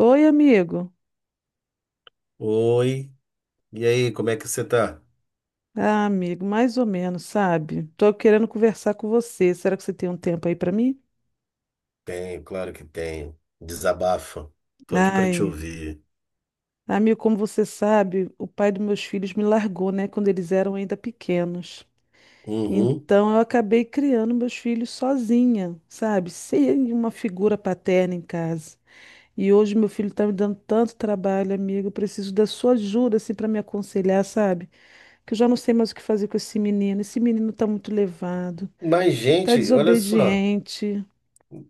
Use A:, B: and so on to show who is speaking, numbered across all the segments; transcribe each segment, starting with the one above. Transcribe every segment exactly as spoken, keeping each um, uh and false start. A: Oi, amigo.
B: Oi, e aí, como é que você tá?
A: Ah, amigo, mais ou menos, sabe? Tô querendo conversar com você. Será que você tem um tempo aí pra mim?
B: Tenho, claro que tenho. Desabafa. Tô aqui pra te
A: Ai,
B: ouvir.
A: amigo, como você sabe, o pai dos meus filhos me largou, né, quando eles eram ainda pequenos.
B: Uhum.
A: Então eu acabei criando meus filhos sozinha, sabe? Sem uma figura paterna em casa. E hoje meu filho tá me dando tanto trabalho, amigo. Eu preciso da sua ajuda, assim, para me aconselhar, sabe? Que eu já não sei mais o que fazer com esse menino. Esse menino tá muito levado.
B: Mas,
A: Tá
B: gente, olha só.
A: desobediente.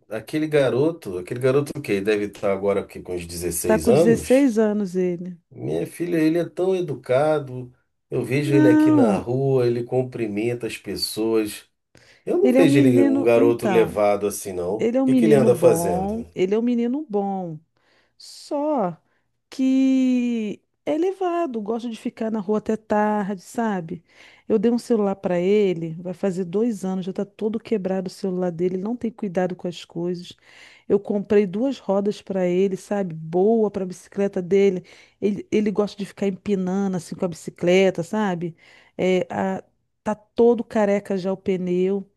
B: Aquele garoto, aquele garoto que deve estar agora aqui com uns
A: Tá
B: dezesseis
A: com
B: anos.
A: dezesseis anos ele.
B: Minha filha, ele é tão educado. Eu vejo ele aqui na
A: Não,
B: rua, ele cumprimenta as pessoas. Eu não
A: ele é um
B: vejo ele um
A: menino.
B: garoto
A: Então,
B: levado assim, não. O
A: ele é um
B: que que ele
A: menino
B: anda
A: bom.
B: fazendo?
A: Ele é um menino bom. Só que é levado, gosta de ficar na rua até tarde, sabe? Eu dei um celular para ele, vai fazer dois anos, já tá todo quebrado o celular dele, ele não tem cuidado com as coisas. Eu comprei duas rodas para ele, sabe? Boa para bicicleta dele. Ele, ele gosta de ficar empinando assim com a bicicleta, sabe? É, a- tá todo careca já o pneu.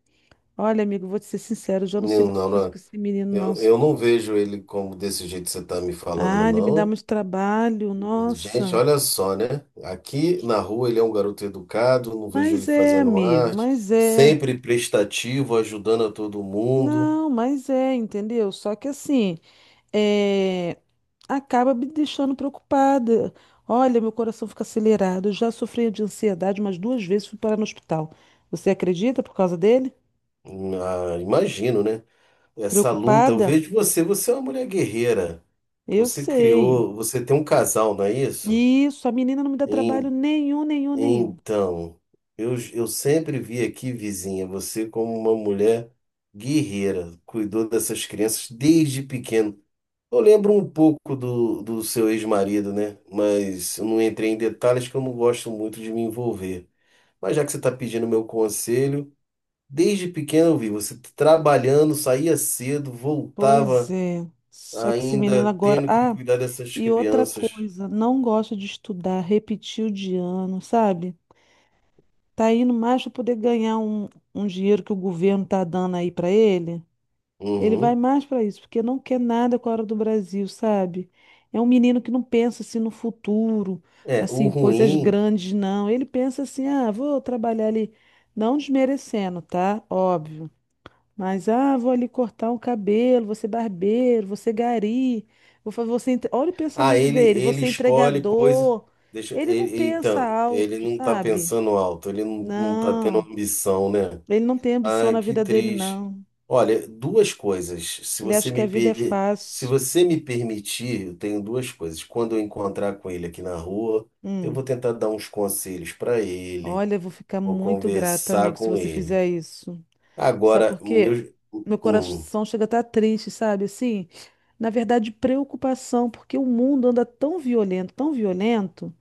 A: Olha, amigo, vou te ser sincero, eu já não sei
B: Não,
A: mais o
B: não,
A: que fazer com
B: não.
A: esse menino, não.
B: Eu, eu não vejo ele como desse jeito que você está me falando,
A: Ah, ele me dá
B: não.
A: muito trabalho,
B: Gente,
A: nossa.
B: olha só, né? Aqui na rua ele é um garoto educado, não vejo ele
A: Mas é,
B: fazendo
A: amigo,
B: arte,
A: mas é.
B: sempre prestativo, ajudando a todo mundo.
A: Não, mas é, entendeu? Só que assim, é, acaba me deixando preocupada. Olha, meu coração fica acelerado. Eu já sofri de ansiedade umas duas vezes, fui parar no hospital. Você acredita por causa dele?
B: Hum, Ah, imagino, né? Essa luta, eu
A: Preocupada?
B: vejo você, você é uma mulher guerreira.
A: Eu
B: Você
A: sei.
B: criou, você tem um casal, não é isso?
A: Isso, a menina não me dá trabalho
B: Em-
A: nenhum, nenhum, nenhum.
B: Então, eu, eu sempre vi aqui, vizinha, você como uma mulher guerreira, cuidou dessas crianças desde pequeno. Eu lembro um pouco do, do seu ex-marido, né? Mas eu não entrei em detalhes que eu não gosto muito de me envolver. Mas já que você está pedindo meu conselho, desde pequeno eu vi você trabalhando, saía cedo,
A: Pois
B: voltava
A: é. Só que esse menino
B: ainda
A: agora.
B: tendo que
A: Ah,
B: cuidar dessas
A: e outra
B: crianças.
A: coisa, não gosta de estudar, repetiu de ano, sabe? Tá indo mais para poder ganhar um, um dinheiro que o governo tá dando aí para ele. Ele vai
B: Uhum.
A: mais para isso, porque não quer nada com a hora do Brasil, sabe? É um menino que não pensa assim no futuro,
B: É, o
A: assim, coisas
B: ruim.
A: grandes, não. Ele pensa assim, ah, vou trabalhar ali, não desmerecendo, tá? Óbvio. Mas, ah, vou ali cortar um cabelo, vou ser barbeiro, vou ser gari, vou fazer você. entre- Olha o
B: Ah,
A: pensamento
B: ele,
A: dele,
B: ele
A: você
B: escolhe coisas.
A: entregador.
B: Deixa,
A: Ele não
B: ele,
A: pensa
B: então, ele
A: alto,
B: não está
A: sabe?
B: pensando alto, ele não, não está tendo
A: Não,
B: ambição, né?
A: ele não tem ambição
B: Ai,
A: na
B: que
A: vida dele,
B: triste.
A: não.
B: Olha, duas coisas. Se
A: Ele
B: você
A: acha que
B: me
A: a vida é
B: per... se
A: fácil.
B: você me permitir, eu tenho duas coisas. Quando eu encontrar com ele aqui na rua, eu vou
A: Hum.
B: tentar dar uns conselhos para ele,
A: Olha, eu vou ficar
B: vou
A: muito grata,
B: conversar
A: amigo, se
B: com
A: você
B: ele.
A: fizer isso. Sabe
B: Agora,
A: por
B: o
A: quê?
B: meu,
A: Meu
B: hum,
A: coração chega a estar triste, sabe? Assim, na verdade, preocupação, porque o mundo anda tão violento, tão violento.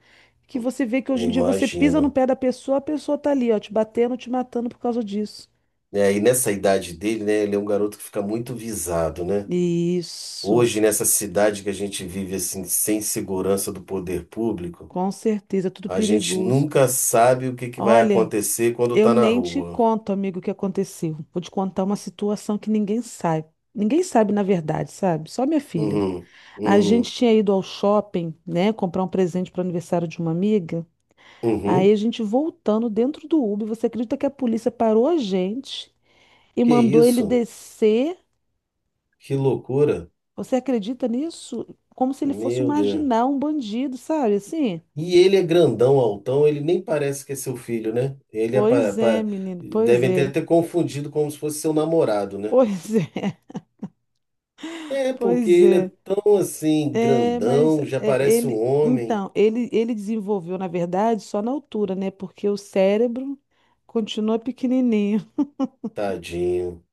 A: Que você vê que hoje
B: eu
A: em dia você pisa no
B: imagino.
A: pé da pessoa, a pessoa tá ali, ó, te batendo, te matando por causa disso.
B: É, e nessa idade dele, né, ele é um garoto que fica muito visado, né?
A: Isso,
B: Hoje, nessa cidade que a gente vive assim, sem segurança do poder público,
A: com certeza, é tudo
B: a gente
A: perigoso.
B: nunca sabe o que que vai
A: Olha,
B: acontecer quando
A: eu
B: tá na
A: nem te
B: rua.
A: conto, amigo, o que aconteceu. Vou te contar uma situação que ninguém sabe. Ninguém sabe, na verdade, sabe? Só minha filha.
B: Uhum,
A: A gente
B: uhum,
A: tinha ido ao shopping, né, comprar um presente para o aniversário de uma amiga. Aí
B: uhum.
A: a gente voltando dentro do Uber, você acredita que a polícia parou a gente e
B: Que
A: mandou ele
B: isso?
A: descer?
B: Que loucura.
A: Você acredita nisso? Como se ele fosse um
B: Meu Deus.
A: marginal, um bandido, sabe? Assim?
B: E ele é grandão, altão, ele nem parece que é seu filho, né? Ele é pa-
A: Pois é,
B: pa-
A: menino, pois
B: Devem ter
A: é,
B: até confundido como se fosse seu namorado, né?
A: pois é,
B: É, porque
A: pois
B: ele é
A: é.
B: tão assim,
A: É, mas
B: grandão, já
A: é,
B: parece um
A: ele.
B: homem.
A: Então, ele, ele desenvolveu, na verdade, só na altura, né? Porque o cérebro continua pequenininho.
B: Tadinho.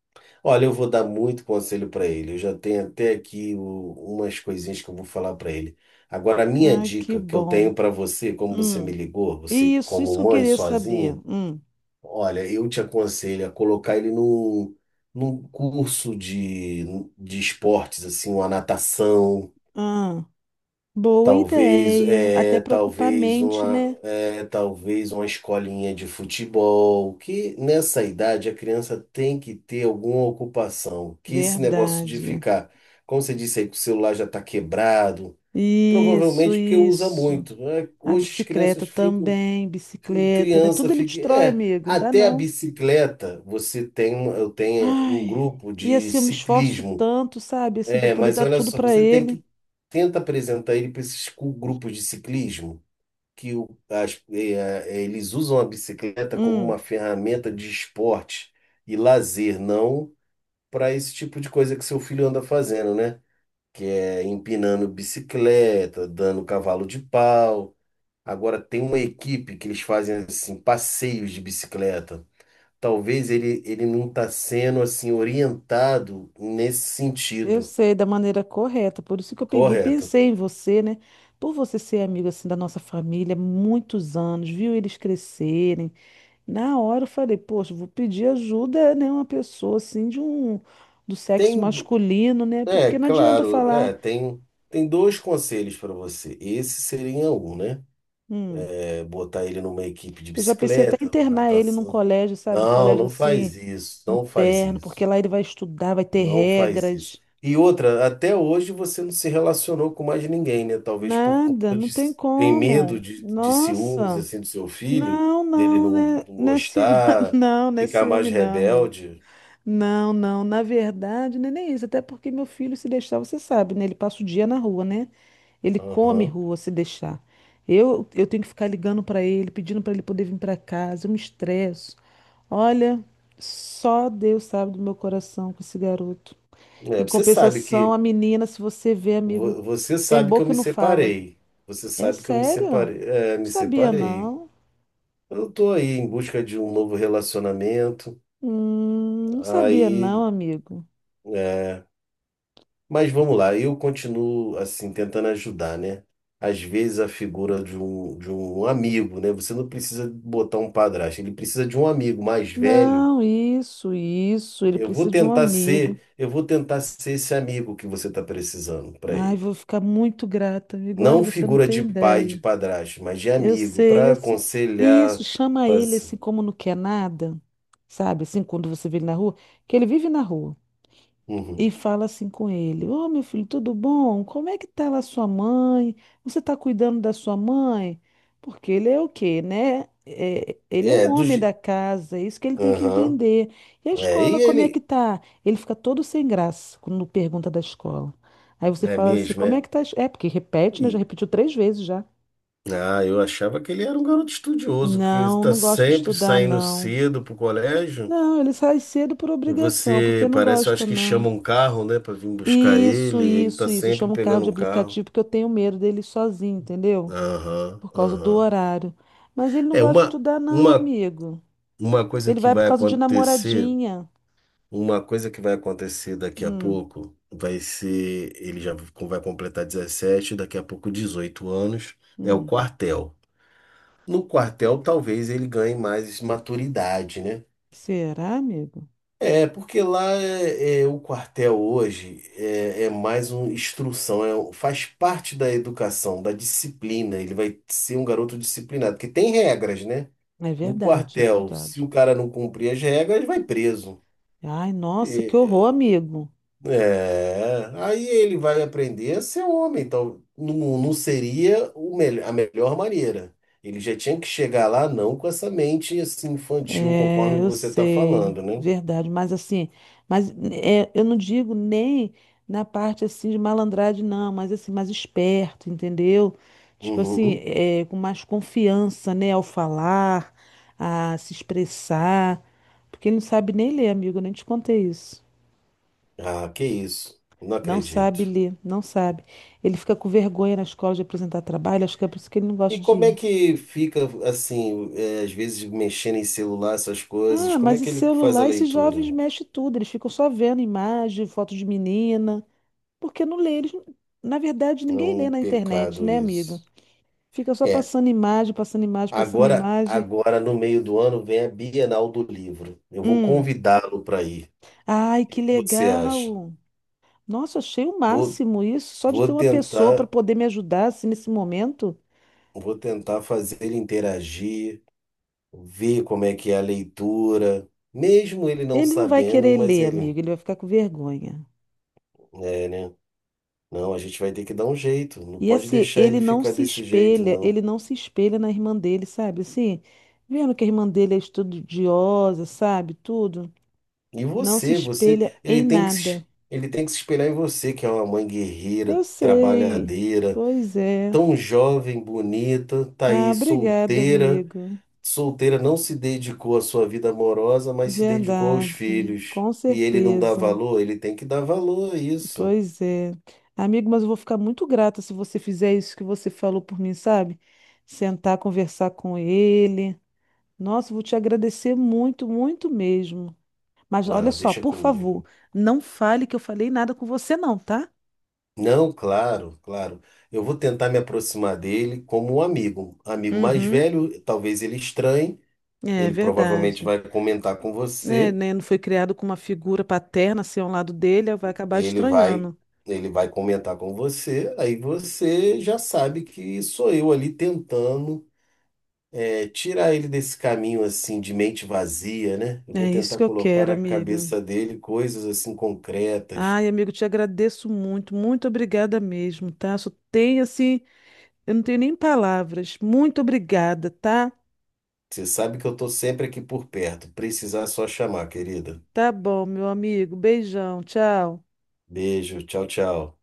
B: Olha, eu vou dar muito conselho para ele. Eu já tenho até aqui o- umas coisinhas que eu vou falar para ele. Agora, a minha
A: Ah, que
B: dica que eu
A: bom.
B: tenho para você, como você me
A: Hum.
B: ligou, você
A: Isso, isso que
B: como
A: eu
B: mãe
A: queria saber.
B: sozinha,
A: Hum.
B: olha, eu te aconselho a colocar ele num, num curso de, de esportes, assim, uma natação.
A: Ah, boa
B: Talvez,
A: ideia. Até
B: é,
A: para ocupar a
B: talvez
A: mente,
B: uma,
A: né?
B: é, talvez uma escolinha de futebol, que nessa idade a criança tem que ter alguma ocupação, que esse negócio de
A: Verdade.
B: ficar, como você disse aí, que o celular já está quebrado,
A: Isso,
B: provavelmente porque usa
A: isso.
B: muito, né?
A: A
B: Hoje as
A: bicicleta
B: crianças ficam,
A: também, bicicleta, né?
B: criança
A: Tudo ele
B: fica,
A: destrói,
B: é,
A: amigo, não dá
B: até a
A: não.
B: bicicleta, você tem, eu tenho um
A: Ai,
B: grupo
A: e
B: de
A: assim, eu me esforço
B: ciclismo,
A: tanto, sabe? Assim, para
B: é,
A: poder
B: mas
A: dar
B: olha
A: tudo
B: só,
A: para
B: você tem
A: ele.
B: que tenta apresentar ele para esses cu- grupos de ciclismo que o- as- é, é, eles usam a bicicleta como
A: Hum,
B: uma ferramenta de esporte e lazer, não para esse tipo de coisa que seu filho anda fazendo, né? Que é empinando bicicleta, dando cavalo de pau. Agora tem uma equipe que eles fazem assim passeios de bicicleta. Talvez ele, ele não está sendo assim orientado nesse
A: eu
B: sentido,
A: sei, da maneira correta. Por isso que eu peguei, e
B: correto?
A: pensei em você, né? Por você ser amigo, assim, da nossa família, há muitos anos, viu eles crescerem. Na hora eu falei, poxa, eu vou pedir ajuda, né? Uma pessoa, assim, de um... do sexo
B: Tem
A: masculino, né?
B: É,
A: Porque não adianta eu
B: claro, é,
A: falar.
B: tem, tem dois conselhos para você. Esse seria um, né?
A: Hum.
B: É botar ele numa equipe de
A: Eu já pensei até em
B: bicicleta, uma
A: internar ele num
B: natação.
A: colégio, sabe? Um
B: Não,
A: colégio
B: não
A: assim,
B: faz isso, não faz
A: interno, porque
B: isso,
A: lá ele vai estudar, vai ter
B: não faz isso.
A: regras.
B: E outra, até hoje você não se relacionou com mais ninguém, né? Talvez por
A: Nada,
B: conta
A: não
B: de
A: tem
B: tem medo
A: como.
B: de, de ciúmes
A: Nossa,
B: assim do seu filho,
A: não,
B: dele
A: não,
B: não,
A: né?
B: não
A: Nesse,
B: gostar,
A: não,
B: ficar
A: nesse
B: mais
A: homem, não, amiga.
B: rebelde.
A: Não, não, na verdade, não é nem isso, até porque meu filho, se deixar, você sabe, né? Ele passa o dia na rua, né? Ele come
B: Aham.
A: rua se deixar. Eu, eu tenho que ficar ligando para ele, pedindo para ele poder vir para casa, eu me estresso. Olha, só Deus sabe do meu coração com esse garoto.
B: É,
A: Em
B: você sabe
A: compensação, a
B: que
A: menina, se você vê, amigo,
B: Vo- Você
A: tem
B: sabe que eu
A: boca e
B: me
A: não fala.
B: separei. Você
A: É
B: sabe que eu me
A: sério? Não
B: separei. É, me
A: sabia
B: separei.
A: não.
B: Eu tô aí em busca de um novo relacionamento.
A: Hum, não sabia não,
B: Aí,
A: amigo.
B: é, mas vamos lá, eu continuo assim tentando ajudar, né? Às vezes a figura de um, de um, amigo, né? Você não precisa botar um padrasto, ele precisa de um amigo mais velho.
A: Não, isso, isso. Ele
B: Eu vou
A: precisa de um
B: tentar
A: amigo.
B: ser, eu vou tentar ser esse amigo que você está precisando para
A: Ai, vou
B: ele.
A: ficar muito grata, amigo. Olha,
B: Não
A: você não
B: figura
A: tem
B: de pai, de
A: ideia.
B: padrasto, mas de
A: Eu
B: amigo,
A: sei,
B: para
A: eu sei.
B: aconselhar,
A: Isso, chama ele
B: fazer.
A: assim como não quer nada, sabe? Assim, quando você vê ele na rua, que ele vive na rua. E
B: Uhum.
A: fala assim com ele: Ô meu filho, tudo bom? Como é que tá lá sua mãe? Você tá cuidando da sua mãe? Porque ele é o quê, né? É, ele é um
B: É, do.
A: homem da
B: je-
A: casa, é isso que ele tem que
B: Aham.
A: entender. E a
B: É, e
A: escola, como é que
B: ele.
A: tá? Ele fica todo sem graça quando pergunta da escola. Aí você
B: É
A: fala assim:
B: mesmo,
A: como
B: é.
A: é que tá? a es- É, porque repete, né? Já
B: E-
A: repetiu três vezes já.
B: Ah, eu achava que ele era um garoto estudioso, que
A: Não,
B: está
A: não gosto de
B: sempre
A: estudar,
B: saindo
A: não.
B: cedo pro colégio.
A: Não, ele sai cedo por obrigação, porque
B: Você
A: não
B: parece, eu
A: gosta,
B: acho que
A: não.
B: chama um carro, né, para vir buscar
A: Isso,
B: ele. Ele tá
A: isso, isso. Eu
B: sempre
A: chamo o carro
B: pegando
A: de
B: um carro.
A: aplicativo porque eu tenho medo dele sozinho, entendeu?
B: Aham,
A: Por causa do
B: aham.
A: horário. Mas ele não
B: É
A: gosta de
B: uma,
A: estudar, não,
B: uma,
A: amigo.
B: uma coisa
A: Ele
B: que
A: vai por
B: vai
A: causa de
B: acontecer.
A: namoradinha.
B: Uma coisa que vai acontecer daqui a
A: Hum,
B: pouco vai ser, ele já vai completar dezessete daqui a pouco dezoito anos, é o
A: hum.
B: quartel. No quartel, talvez ele ganhe mais maturidade, né?
A: Será, amigo?
B: É, porque lá é, é, o quartel hoje é, é mais uma instrução, é um- faz parte da educação, da disciplina. Ele vai ser um garoto disciplinado, porque tem regras, né?
A: É
B: No
A: verdade, é
B: quartel, se o
A: verdade.
B: cara não cumprir as regras, ele vai preso.
A: Ai, nossa, que horror,
B: É,
A: amigo.
B: É, aí ele vai aprender a ser um homem, então não, não seria o mel- a melhor maneira. Ele já tinha que chegar lá não com essa mente assim infantil, conforme
A: É, eu
B: você está
A: sei,
B: falando, né?
A: verdade, mas assim, mas é, eu não digo nem na parte assim de malandragem, não, mas assim, mais esperto, entendeu? Tipo assim,
B: Uhum.
A: é, com mais confiança, né, ao falar, a se expressar, porque ele não sabe nem ler, amigo, eu nem te contei isso.
B: Ah, que isso, não
A: Não sabe
B: acredito.
A: ler, não sabe. Ele fica com vergonha na escola de apresentar trabalho, acho que é por isso que ele não
B: E
A: gosta de
B: como
A: ir.
B: é que fica assim, é, às vezes mexendo em celular, essas coisas,
A: Ah,
B: como é
A: mas e
B: que ele faz a
A: celular, esses
B: leitura?
A: jovens mexem tudo, eles ficam só vendo imagem, foto de menina. Porque não lê, eles, na verdade,
B: É
A: ninguém lê
B: um
A: na internet,
B: pecado
A: né, amigo?
B: isso.
A: Fica só
B: é
A: passando imagem, passando imagem, passando
B: Agora,
A: imagem.
B: agora no meio do ano vem a Bienal do Livro. Eu vou
A: Hum.
B: convidá-lo para ir.
A: Ai,
B: O
A: que
B: que você acha?
A: legal! Nossa, achei o
B: Vou,
A: máximo isso, só de ter
B: vou
A: uma pessoa para
B: tentar,
A: poder me ajudar assim, nesse momento.
B: vou tentar fazer ele interagir, ver como é que é a leitura, mesmo ele não
A: Ele não vai
B: sabendo,
A: querer
B: mas
A: ler,
B: ele,
A: amigo, ele vai ficar com vergonha.
B: é, né? Não, a gente vai ter que dar um jeito. Não
A: E
B: pode
A: assim,
B: deixar ele
A: ele não
B: ficar
A: se
B: desse jeito,
A: espelha,
B: não.
A: ele não se espelha na irmã dele, sabe? Assim, vendo que a irmã dele é estudiosa, sabe? Tudo,
B: E
A: não se
B: você, você,
A: espelha em
B: ele tem que, se-
A: nada.
B: ele tem que se espelhar em você, que é uma mãe
A: Eu
B: guerreira,
A: sei.
B: trabalhadeira
A: Pois é.
B: tão jovem, bonita, tá
A: Ah,
B: aí
A: obrigada,
B: solteira.
A: amigo.
B: Solteira não se dedicou à sua vida amorosa, mas se dedicou aos
A: Verdade.
B: filhos.
A: Com
B: E ele não dá
A: certeza.
B: valor? Ele tem que dar valor a isso.
A: Pois é. Amigo, mas eu vou ficar muito grata se você fizer isso que você falou por mim, sabe? Sentar, conversar com ele. Nossa, eu vou te agradecer muito, muito mesmo. Mas olha
B: Ah,
A: só,
B: deixa
A: por favor,
B: comigo.
A: não fale que eu falei nada com você, não, tá?
B: Não, claro, claro. Eu vou tentar me aproximar dele como um amigo. Amigo mais
A: Uhum.
B: velho, talvez ele estranhe,
A: É
B: ele provavelmente
A: verdade.
B: vai comentar com
A: É,
B: você,
A: né, não foi criado com uma figura paterna, assim, ao lado dele, vai acabar
B: ele vai,
A: estranhando.
B: ele vai comentar com você, aí você já sabe que sou eu ali tentando é, tirar ele desse caminho assim de mente vazia, né? Eu vou
A: É isso
B: tentar
A: que eu
B: colocar
A: quero,
B: na
A: amiga.
B: cabeça dele coisas assim concretas.
A: Ai, amigo, te agradeço muito, muito obrigada mesmo, tá? Só tem assim, eu não tenho nem palavras. Muito obrigada, tá?
B: Você sabe que eu tô sempre aqui por perto. Precisar é só chamar, querida.
A: Tá bom, meu amigo. Beijão, tchau.
B: Beijo, tchau, tchau.